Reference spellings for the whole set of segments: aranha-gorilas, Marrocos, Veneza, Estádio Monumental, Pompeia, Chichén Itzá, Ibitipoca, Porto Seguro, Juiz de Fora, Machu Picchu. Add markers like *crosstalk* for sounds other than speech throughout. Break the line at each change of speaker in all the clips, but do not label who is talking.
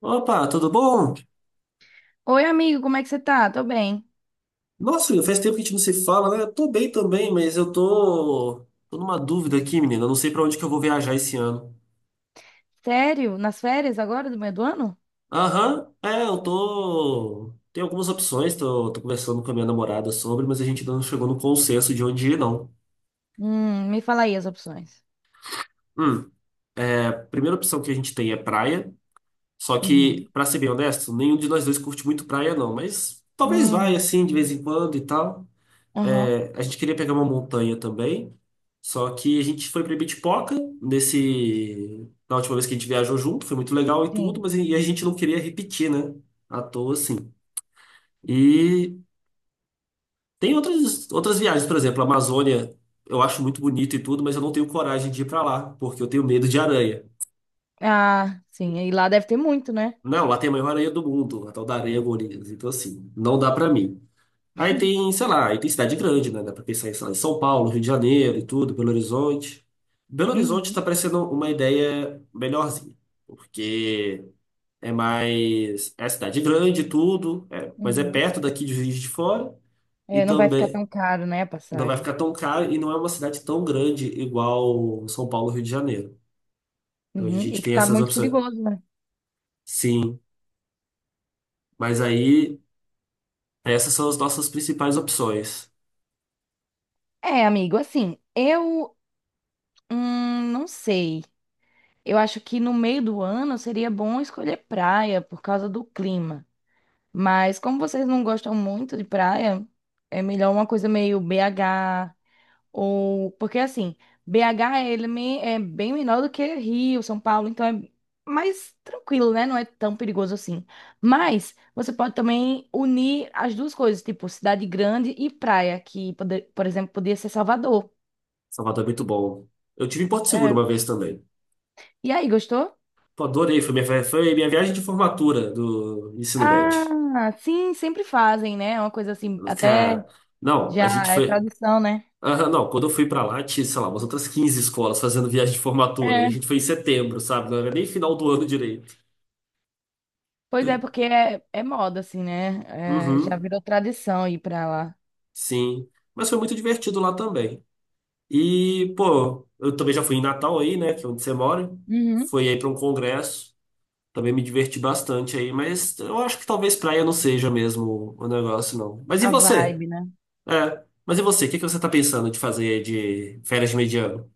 Opa, tudo bom?
Oi, amigo, como é que você tá? Tô bem.
Nossa, Will, faz tempo que a gente não se fala, né? Eu tô bem também, mas eu tô numa dúvida aqui, menina. Eu não sei pra onde que eu vou viajar esse ano.
Sério? Nas férias agora do meio do ano?
Aham, é, eu tô. Tem algumas opções, tô conversando com a minha namorada sobre, mas a gente ainda não chegou no consenso de onde ir, não.
Me fala aí as opções.
Hum, a primeira opção que a gente tem é praia. Só que,
Uhum.
pra ser bem honesto, nenhum de nós dois curte muito praia, não. Mas talvez vai
Hum,
assim, de vez em quando e tal.
aham,
É, a gente queria pegar uma montanha também, só que a gente foi pra Ibitipoca na última vez que a gente viajou junto, foi muito legal e tudo,
sim.
mas e a gente não queria repetir, né? À toa, assim. E tem outras viagens, por exemplo, a Amazônia, eu acho muito bonito e tudo, mas eu não tenho coragem de ir pra lá, porque eu tenho medo de aranha.
Ah, sim, e lá deve ter muito, né?
Não, lá tem a maior aranha do mundo, a tal da aranha-gorilas, então assim, não dá pra mim. Aí
*laughs*
tem, sei lá, aí tem cidade grande, né? Dá pra pensar em, sei lá, em São Paulo, Rio de Janeiro e tudo, Belo Horizonte. Belo Horizonte tá
Uhum,
parecendo uma ideia melhorzinha, porque é mais. É cidade grande e tudo, é, mas é
uhum.
perto daqui de Juiz de Fora e
É, não vai ficar
também
tão caro, né, a
não vai
passagem.
ficar tão caro e não é uma cidade tão grande igual São Paulo, Rio de Janeiro. Então a
Uhum.
gente
E que
tem
tá
essas
muito
opções.
perigoso, né?
Sim, mas aí essas são as nossas principais opções.
É, amigo, assim, eu não sei. Eu acho que no meio do ano seria bom escolher praia por causa do clima. Mas como vocês não gostam muito de praia, é melhor uma coisa meio BH ou porque assim, BH é bem menor do que Rio, São Paulo, então é mais tranquilo, né? Não é tão perigoso assim. Mas você pode também unir as duas coisas, tipo cidade grande e praia, por exemplo, podia ser Salvador.
Salvador é muito bom. Eu tive em Porto Seguro
É.
uma vez também.
E aí, gostou?
Pô, adorei. Foi minha viagem de formatura do ensino médio.
Ah, sim, sempre fazem, né? É uma coisa assim, até
Cara, não, a
já
gente
é
foi.
tradição, né?
Aham, não, quando eu fui pra lá, tinha, sei lá, umas outras 15 escolas fazendo viagem de formatura. E a gente foi em setembro, sabe? Não era nem final do ano direito.
Pois é, porque é moda, assim, né? É, já
Uhum,
virou tradição ir pra lá.
sim. Mas foi muito divertido lá também. E, pô, eu também já fui em Natal aí, né? Que é onde você mora.
Uhum.
Fui aí pra um congresso. Também me diverti bastante aí, mas eu acho que talvez praia não seja mesmo o negócio, não. Mas e
A
você?
vibe, né?
É. Mas e você? O que que você tá pensando de fazer de férias de mediano?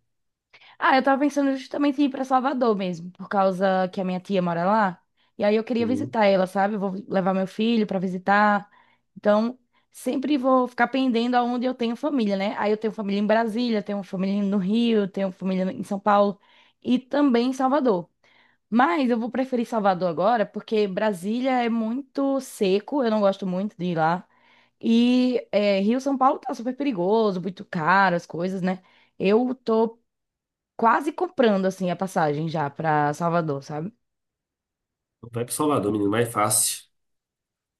Ah, eu tava pensando justamente em ir pra Salvador mesmo, por causa que a minha tia mora lá. E aí eu queria
Hum,
visitar ela, sabe? Eu vou levar meu filho pra visitar. Então, sempre vou ficar pendendo aonde eu tenho família, né? Aí eu tenho família em Brasília, tenho família no Rio, tenho família em São Paulo e também em Salvador. Mas eu vou preferir Salvador agora, porque Brasília é muito seco, eu não gosto muito de ir lá. E é, Rio São Paulo tá super perigoso, muito caro, as coisas, né? Eu tô quase comprando, assim, a passagem já pra Salvador, sabe?
Vai pro Salvador, menino, mais fácil.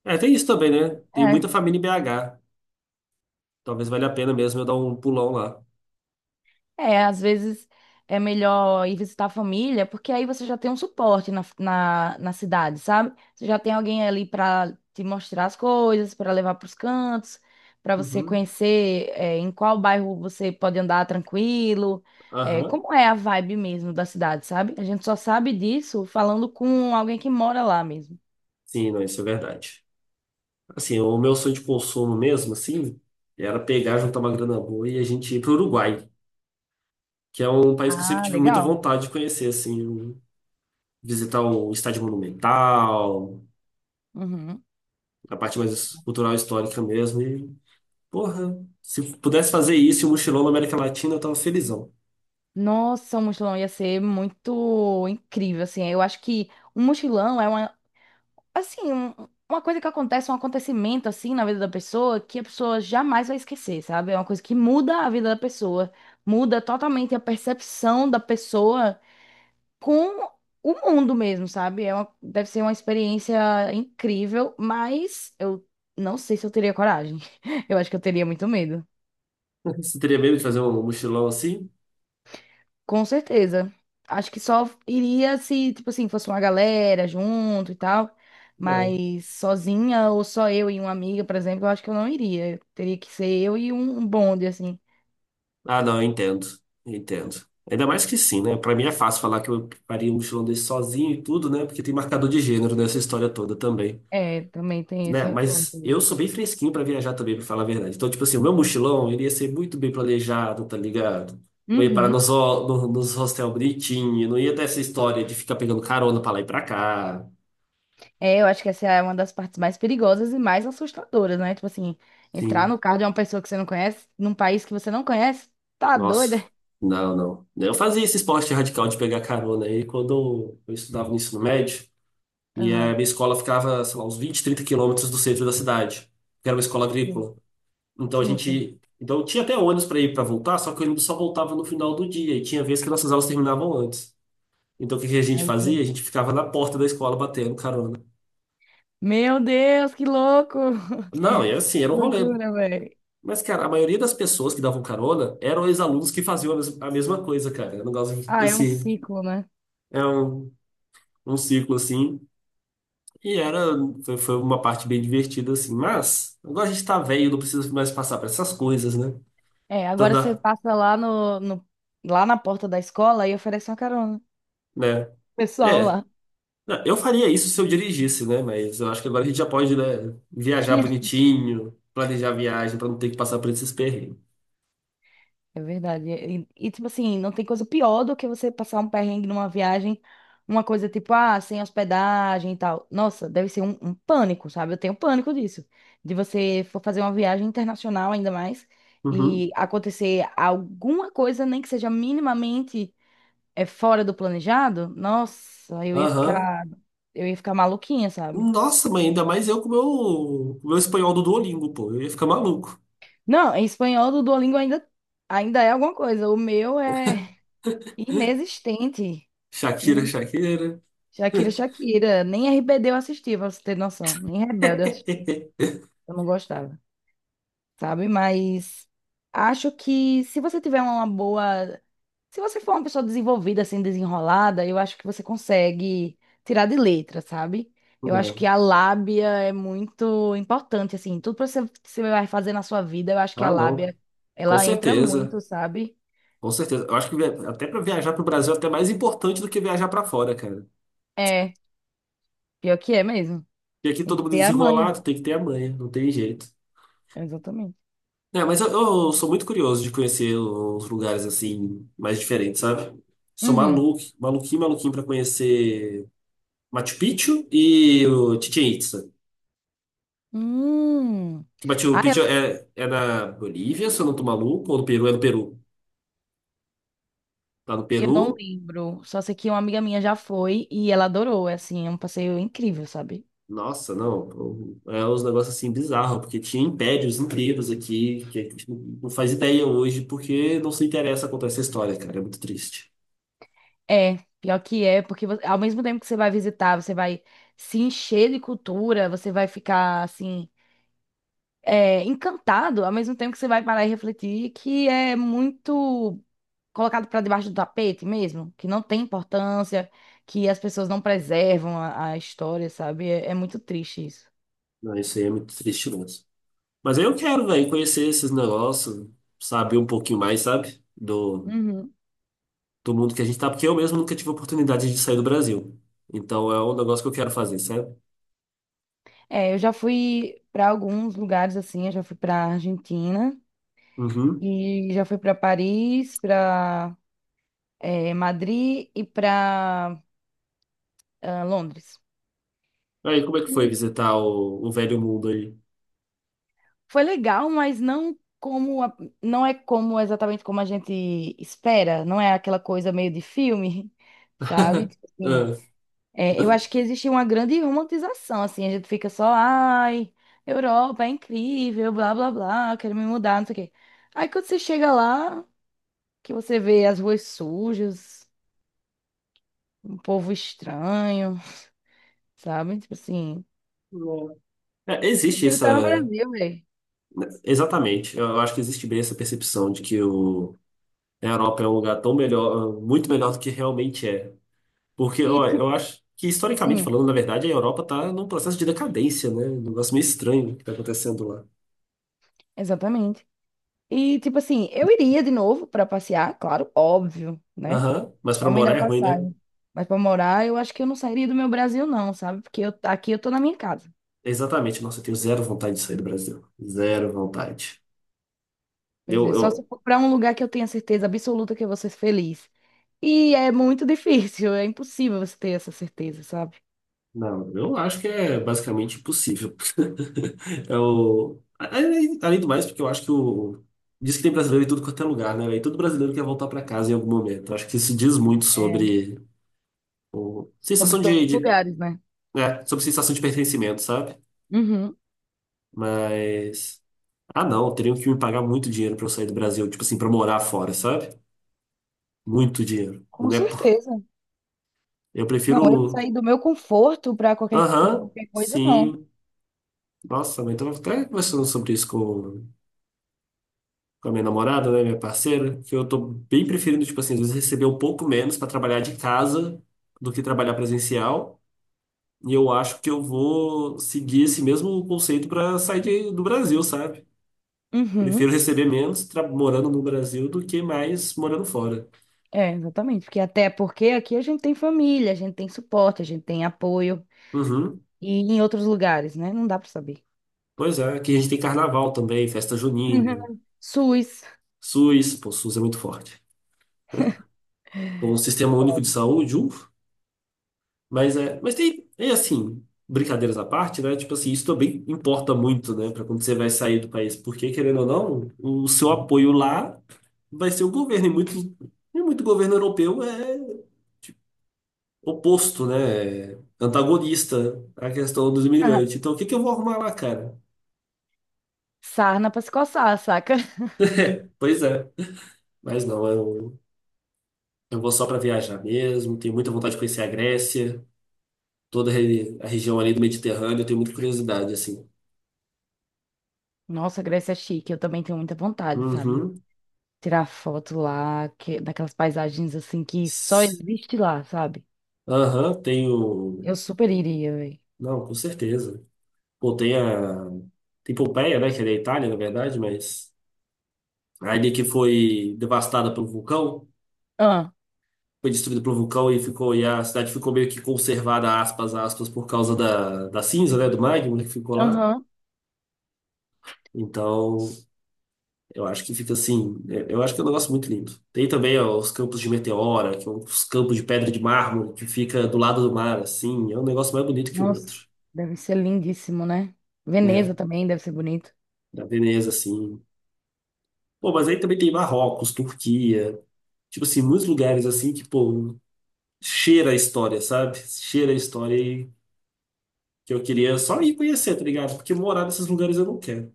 É, tem isso também, né? Tem muita família em BH. Talvez valha a pena mesmo eu dar um pulão lá.
É, às vezes é melhor ir visitar a família, porque aí você já tem um suporte na cidade, sabe? Você já tem alguém ali para te mostrar as coisas, para levar para os cantos, para você
Uhum.
conhecer, é, em qual bairro você pode andar tranquilo, é,
Aham.
como é a vibe mesmo da cidade, sabe? A gente só sabe disso falando com alguém que mora lá mesmo.
Sim, não, isso é verdade. Assim, o meu sonho de consumo mesmo, assim, era pegar, juntar uma grana boa e a gente ir pro Uruguai, que é um país que eu sempre
Ah,
tive muita
legal.
vontade de conhecer, assim, visitar o Estádio Monumental,
Uhum.
a parte mais cultural e histórica mesmo, e Porra, se eu pudesse fazer isso e um mochilão na América Latina, eu tava felizão.
Nossa, um mochilão ia ser muito incrível, assim. Eu acho que um mochilão é uma assim, uma coisa que acontece, um acontecimento assim na vida da pessoa que a pessoa jamais vai esquecer, sabe? É uma coisa que muda a vida da pessoa, muda totalmente a percepção da pessoa com o mundo mesmo, sabe? É uma, deve ser uma experiência incrível, mas eu não sei se eu teria coragem. *laughs* Eu acho que eu teria muito medo.
*laughs* Você teria medo de fazer um mochilão assim?
Com certeza. Acho que só iria se, tipo assim, fosse uma galera junto e tal.
É.
Mas sozinha ou só eu e uma amiga, por exemplo, eu acho que eu não iria. Teria que ser eu e um bonde, assim.
Ah, não, eu entendo. Eu entendo. Ainda mais que sim, né? Pra mim é fácil falar que eu faria um mochilão desse sozinho e tudo, né? Porque tem marcador de gênero nessa história toda também.
É, também tem esse
Né?
recorte.
Mas eu
ali.
sou bem fresquinho pra viajar também, pra falar a verdade. Então, tipo assim, o meu mochilão ele ia ser muito bem planejado, tá ligado? Eu ia parar
Uhum.
nos, ho- no- nos hostel bonitinho, não ia ter essa história de ficar pegando carona pra lá e pra cá.
É, eu acho que essa é uma das partes mais perigosas e mais assustadoras, né? Tipo assim, entrar
Sim.
no carro de uma pessoa que você não conhece, num país que você não conhece, tá doida?
Nossa, não. Eu fazia esse esporte radical de pegar carona aí quando eu estudava no ensino médio. E a
Aham.
minha escola ficava, sei lá, uns 20 30 quilômetros do centro da cidade, que era uma escola
Sim,
agrícola. Então a
sim. Sim.
gente. Então tinha até ônibus para ir para voltar, só que o ônibus só voltava no final do dia. E tinha vezes que nossas aulas terminavam antes. Então o que que a gente
Aí,
fazia? A
sim.
gente ficava na porta da escola batendo carona.
Meu Deus, que louco! *laughs*
Não, era assim, era um rolê.
Loucura, velho.
Mas, cara, a maioria das pessoas que davam carona eram ex-alunos que faziam a mesma coisa, cara. Era um negócio
Ah, é um
assim.
ciclo, né?
É um ciclo assim, e era foi, foi uma parte bem divertida assim, mas agora a gente tá velho, não precisa mais passar por essas coisas, né?
É,
Então
agora você
dá,
passa lá no, no- lá na porta da escola e oferece uma carona.
né?
Pessoal
É,
lá.
não, eu faria isso se eu dirigisse, né? Mas eu acho que agora a gente já pode, né, viajar bonitinho, planejar a viagem pra não ter que passar por esses perrengues.
É verdade. E, tipo assim, não tem coisa pior do que você passar um perrengue numa viagem, uma coisa tipo, ah, sem hospedagem e tal. Nossa, deve ser um pânico, sabe? Eu tenho pânico disso. De você for fazer uma viagem internacional ainda mais e
Uhum.
acontecer alguma coisa, nem que seja minimamente fora do planejado. Nossa, eu ia
Aham.
ficar, eu ia ficar maluquinha, sabe?
Nossa, mãe, ainda mais eu com com o meu espanhol do Duolingo, pô. Eu ia ficar maluco.
Não, em espanhol do Duolingo ainda é alguma coisa. O meu é inexistente.
Shakira,
Ine-
Shakira.
Shakira, Shakira. Nem RBD eu assisti, pra você ter noção. Nem Rebelde eu assisti.
*laughs*
Eu não gostava, sabe? Mas acho que se você tiver uma boa. Se você for uma pessoa desenvolvida, assim, desenrolada, eu acho que você consegue tirar de letra, sabe? Eu acho que a lábia é muito importante, assim. Tudo que você vai fazer na sua vida, eu acho que a
Ah, não.
lábia,
Com
ela entra
certeza.
muito, sabe?
Com certeza. Eu acho que até para viajar para o Brasil é até mais importante do que viajar para fora, cara.
É, pior que é mesmo.
E aqui
Tem
todo
que
mundo é
ter a manha.
desenrolado, tem que ter a manha, não tem jeito.
Exatamente.
É, mas eu sou muito curioso de conhecer uns lugares assim mais diferentes, sabe? Sou
Uhum.
maluco, maluquinho para conhecer Machu Picchu e o Chichén Itzá.
Hum.
Que Machu
Ah,
Picchu
eu,
é na Bolívia, se eu não tô maluco, ou no Peru, é no Peru. Tá no
eu não
Peru.
lembro. Só sei que uma amiga minha já foi e ela adorou. É assim, é um passeio incrível, sabe?
Nossa, não. É uns negócios assim bizarros, porque tinha impérios inteiros aqui que a gente não faz ideia hoje, porque não se interessa contar essa história, cara. É muito triste.
É, pior que é, porque ao mesmo tempo que você vai visitar, você vai se encher de cultura, você vai ficar assim, encantado, ao mesmo tempo que você vai parar e refletir que é muito colocado para debaixo do tapete mesmo, que não tem importância, que as pessoas não preservam a história, sabe? É muito triste isso.
Não, isso aí é muito triste mesmo. Mas aí eu quero, velho, conhecer esses negócios, saber um pouquinho mais, sabe?
Uhum.
Do mundo que a gente tá, porque eu mesmo nunca tive oportunidade de sair do Brasil. Então é um negócio que eu quero fazer, sabe?
É, eu já fui para alguns lugares assim, eu já fui para Argentina
Uhum.
e já fui para Paris, para Madrid e para Londres.
Aí, como é que foi
E
visitar o velho mundo aí?
foi legal, mas não é como exatamente como a gente espera, não é aquela coisa meio de filme, *laughs* sabe? Tipo
*laughs*
assim, é, eu acho que existe uma grande romantização, assim, a gente fica só, ai, Europa é incrível, blá blá blá, quero me mudar, não sei o quê. Aí quando você chega lá, que você vê as ruas sujas, um povo estranho, *laughs* sabe? Tipo assim,
Ah. É, existe
prefiro estar no
essa.
Brasil, velho.
Exatamente. Eu acho que existe bem essa percepção de que a Europa é um lugar tão melhor, muito melhor do que realmente é. Porque,
E
ó,
tipo,
eu acho que, historicamente
hum,
falando, na verdade, a Europa está num processo de decadência, né? Um negócio meio estranho que está acontecendo lá.
exatamente. E tipo assim, eu iria de novo para passear, claro, óbvio, né?
Aham, mas para
Só me dá
morar é ruim, né?
passagem. Mas para morar, eu acho que eu não sairia do meu Brasil, não, sabe? Porque aqui eu tô na minha casa.
Exatamente. Nossa, eu tenho zero vontade de sair do Brasil. Zero vontade.
Pois
Eu,
é, só se
eu,
for para um lugar que eu tenha certeza absoluta que eu vou ser feliz. E é muito *laughs* difícil, é impossível você ter essa certeza, sabe?
não, eu acho que é basicamente impossível. Eu, além do mais, porque eu acho que o. Diz que tem brasileiro em tudo quanto é lugar, né? E todo brasileiro quer voltar para casa em algum momento. Eu acho que isso diz muito
É,
sobre o...
sobre
sensação
todos os lugares, né?
é, sobre sensação de pertencimento, sabe?
Uhum.
Mas. Ah, não, teriam que me pagar muito dinheiro para eu sair do Brasil, tipo assim, para morar fora, sabe? Muito dinheiro.
Com
Não é por...
certeza.
Eu
Não, eu
prefiro.
saí do meu conforto para qualquer, por
Aham,
qualquer coisa, não.
sim. Nossa, mas eu tava até conversando sobre isso com a minha namorada, né, minha parceira, que eu tô bem preferindo, tipo assim, às vezes receber um pouco menos para trabalhar de casa do que trabalhar presencial. E eu acho que eu vou seguir esse mesmo conceito para sair do Brasil, sabe? Prefiro
Uhum.
receber menos morando no Brasil do que mais morando fora.
É, exatamente. Porque até porque aqui a gente tem família, a gente tem suporte, a gente tem apoio.
Uhum.
E em outros lugares, né? Não dá para saber.
Pois é, aqui a gente tem carnaval também, festa junina,
*laughs* SUS,
SUS, pô, SUS é muito forte. Com o sistema único de saúde, mas é, mas tem, é assim, brincadeiras à parte, né? Tipo assim, isso também importa muito, né, para quando você vai sair do país, porque querendo ou não, o seu apoio lá vai ser o governo e muito governo europeu é tipo, oposto, né? É antagonista à questão dos imigrantes.
*laughs*
Então, o que que eu vou arrumar lá, cara?
sarna para se coçar, saca?
Pois é, mas não, eu vou só para viajar mesmo, tenho muita vontade de conhecer a Grécia, toda a a região ali do Mediterrâneo, eu tenho muita curiosidade assim.
Nossa, Grécia é chique. Eu também tenho muita vontade, sabe?
Uhum.
Tirar foto lá, que, daquelas paisagens assim que só existe lá, sabe?
Aham, tenho.
Eu super iria, velho.
Não, com certeza. Pô, tem a. Tem Pompeia, né? Que é da Itália, na verdade, mas. A ilha que foi devastada pelo vulcão,
Ah,
foi destruída pelo vulcão e ficou. E a cidade ficou meio que conservada, aspas, aspas, por causa da cinza, né? Do magma que ficou lá.
aham.
Então, eu acho que fica assim. Eu acho que é um negócio muito lindo. Tem também, ó, os campos de meteora, que são os campos de pedra de mármore, que fica do lado do mar, assim. É um negócio mais bonito que o
Nossa,
outro,
deve ser lindíssimo, né? Veneza
né?
também deve ser bonito.
Da Veneza, assim. Pô, mas aí também tem Marrocos, Turquia, tipo assim, muitos lugares assim que, pô, cheira a história, sabe? Cheira a história e que eu queria só ir conhecer, tá ligado? Porque morar nesses lugares eu não quero.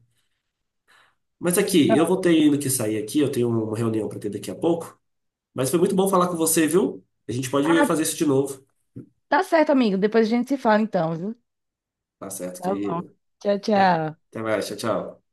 Mas aqui, eu vou ter
Não.
ainda que sair aqui, eu tenho uma reunião pra ter daqui a pouco. Mas foi muito bom falar com você, viu? A gente pode
Ah,
fazer isso de novo.
tá certo, amigo. Depois a gente se fala então, viu?
Tá certo,
Tá bom.
querido.
Tchau,
Até
tchau.
Até mais, tchau, tchau.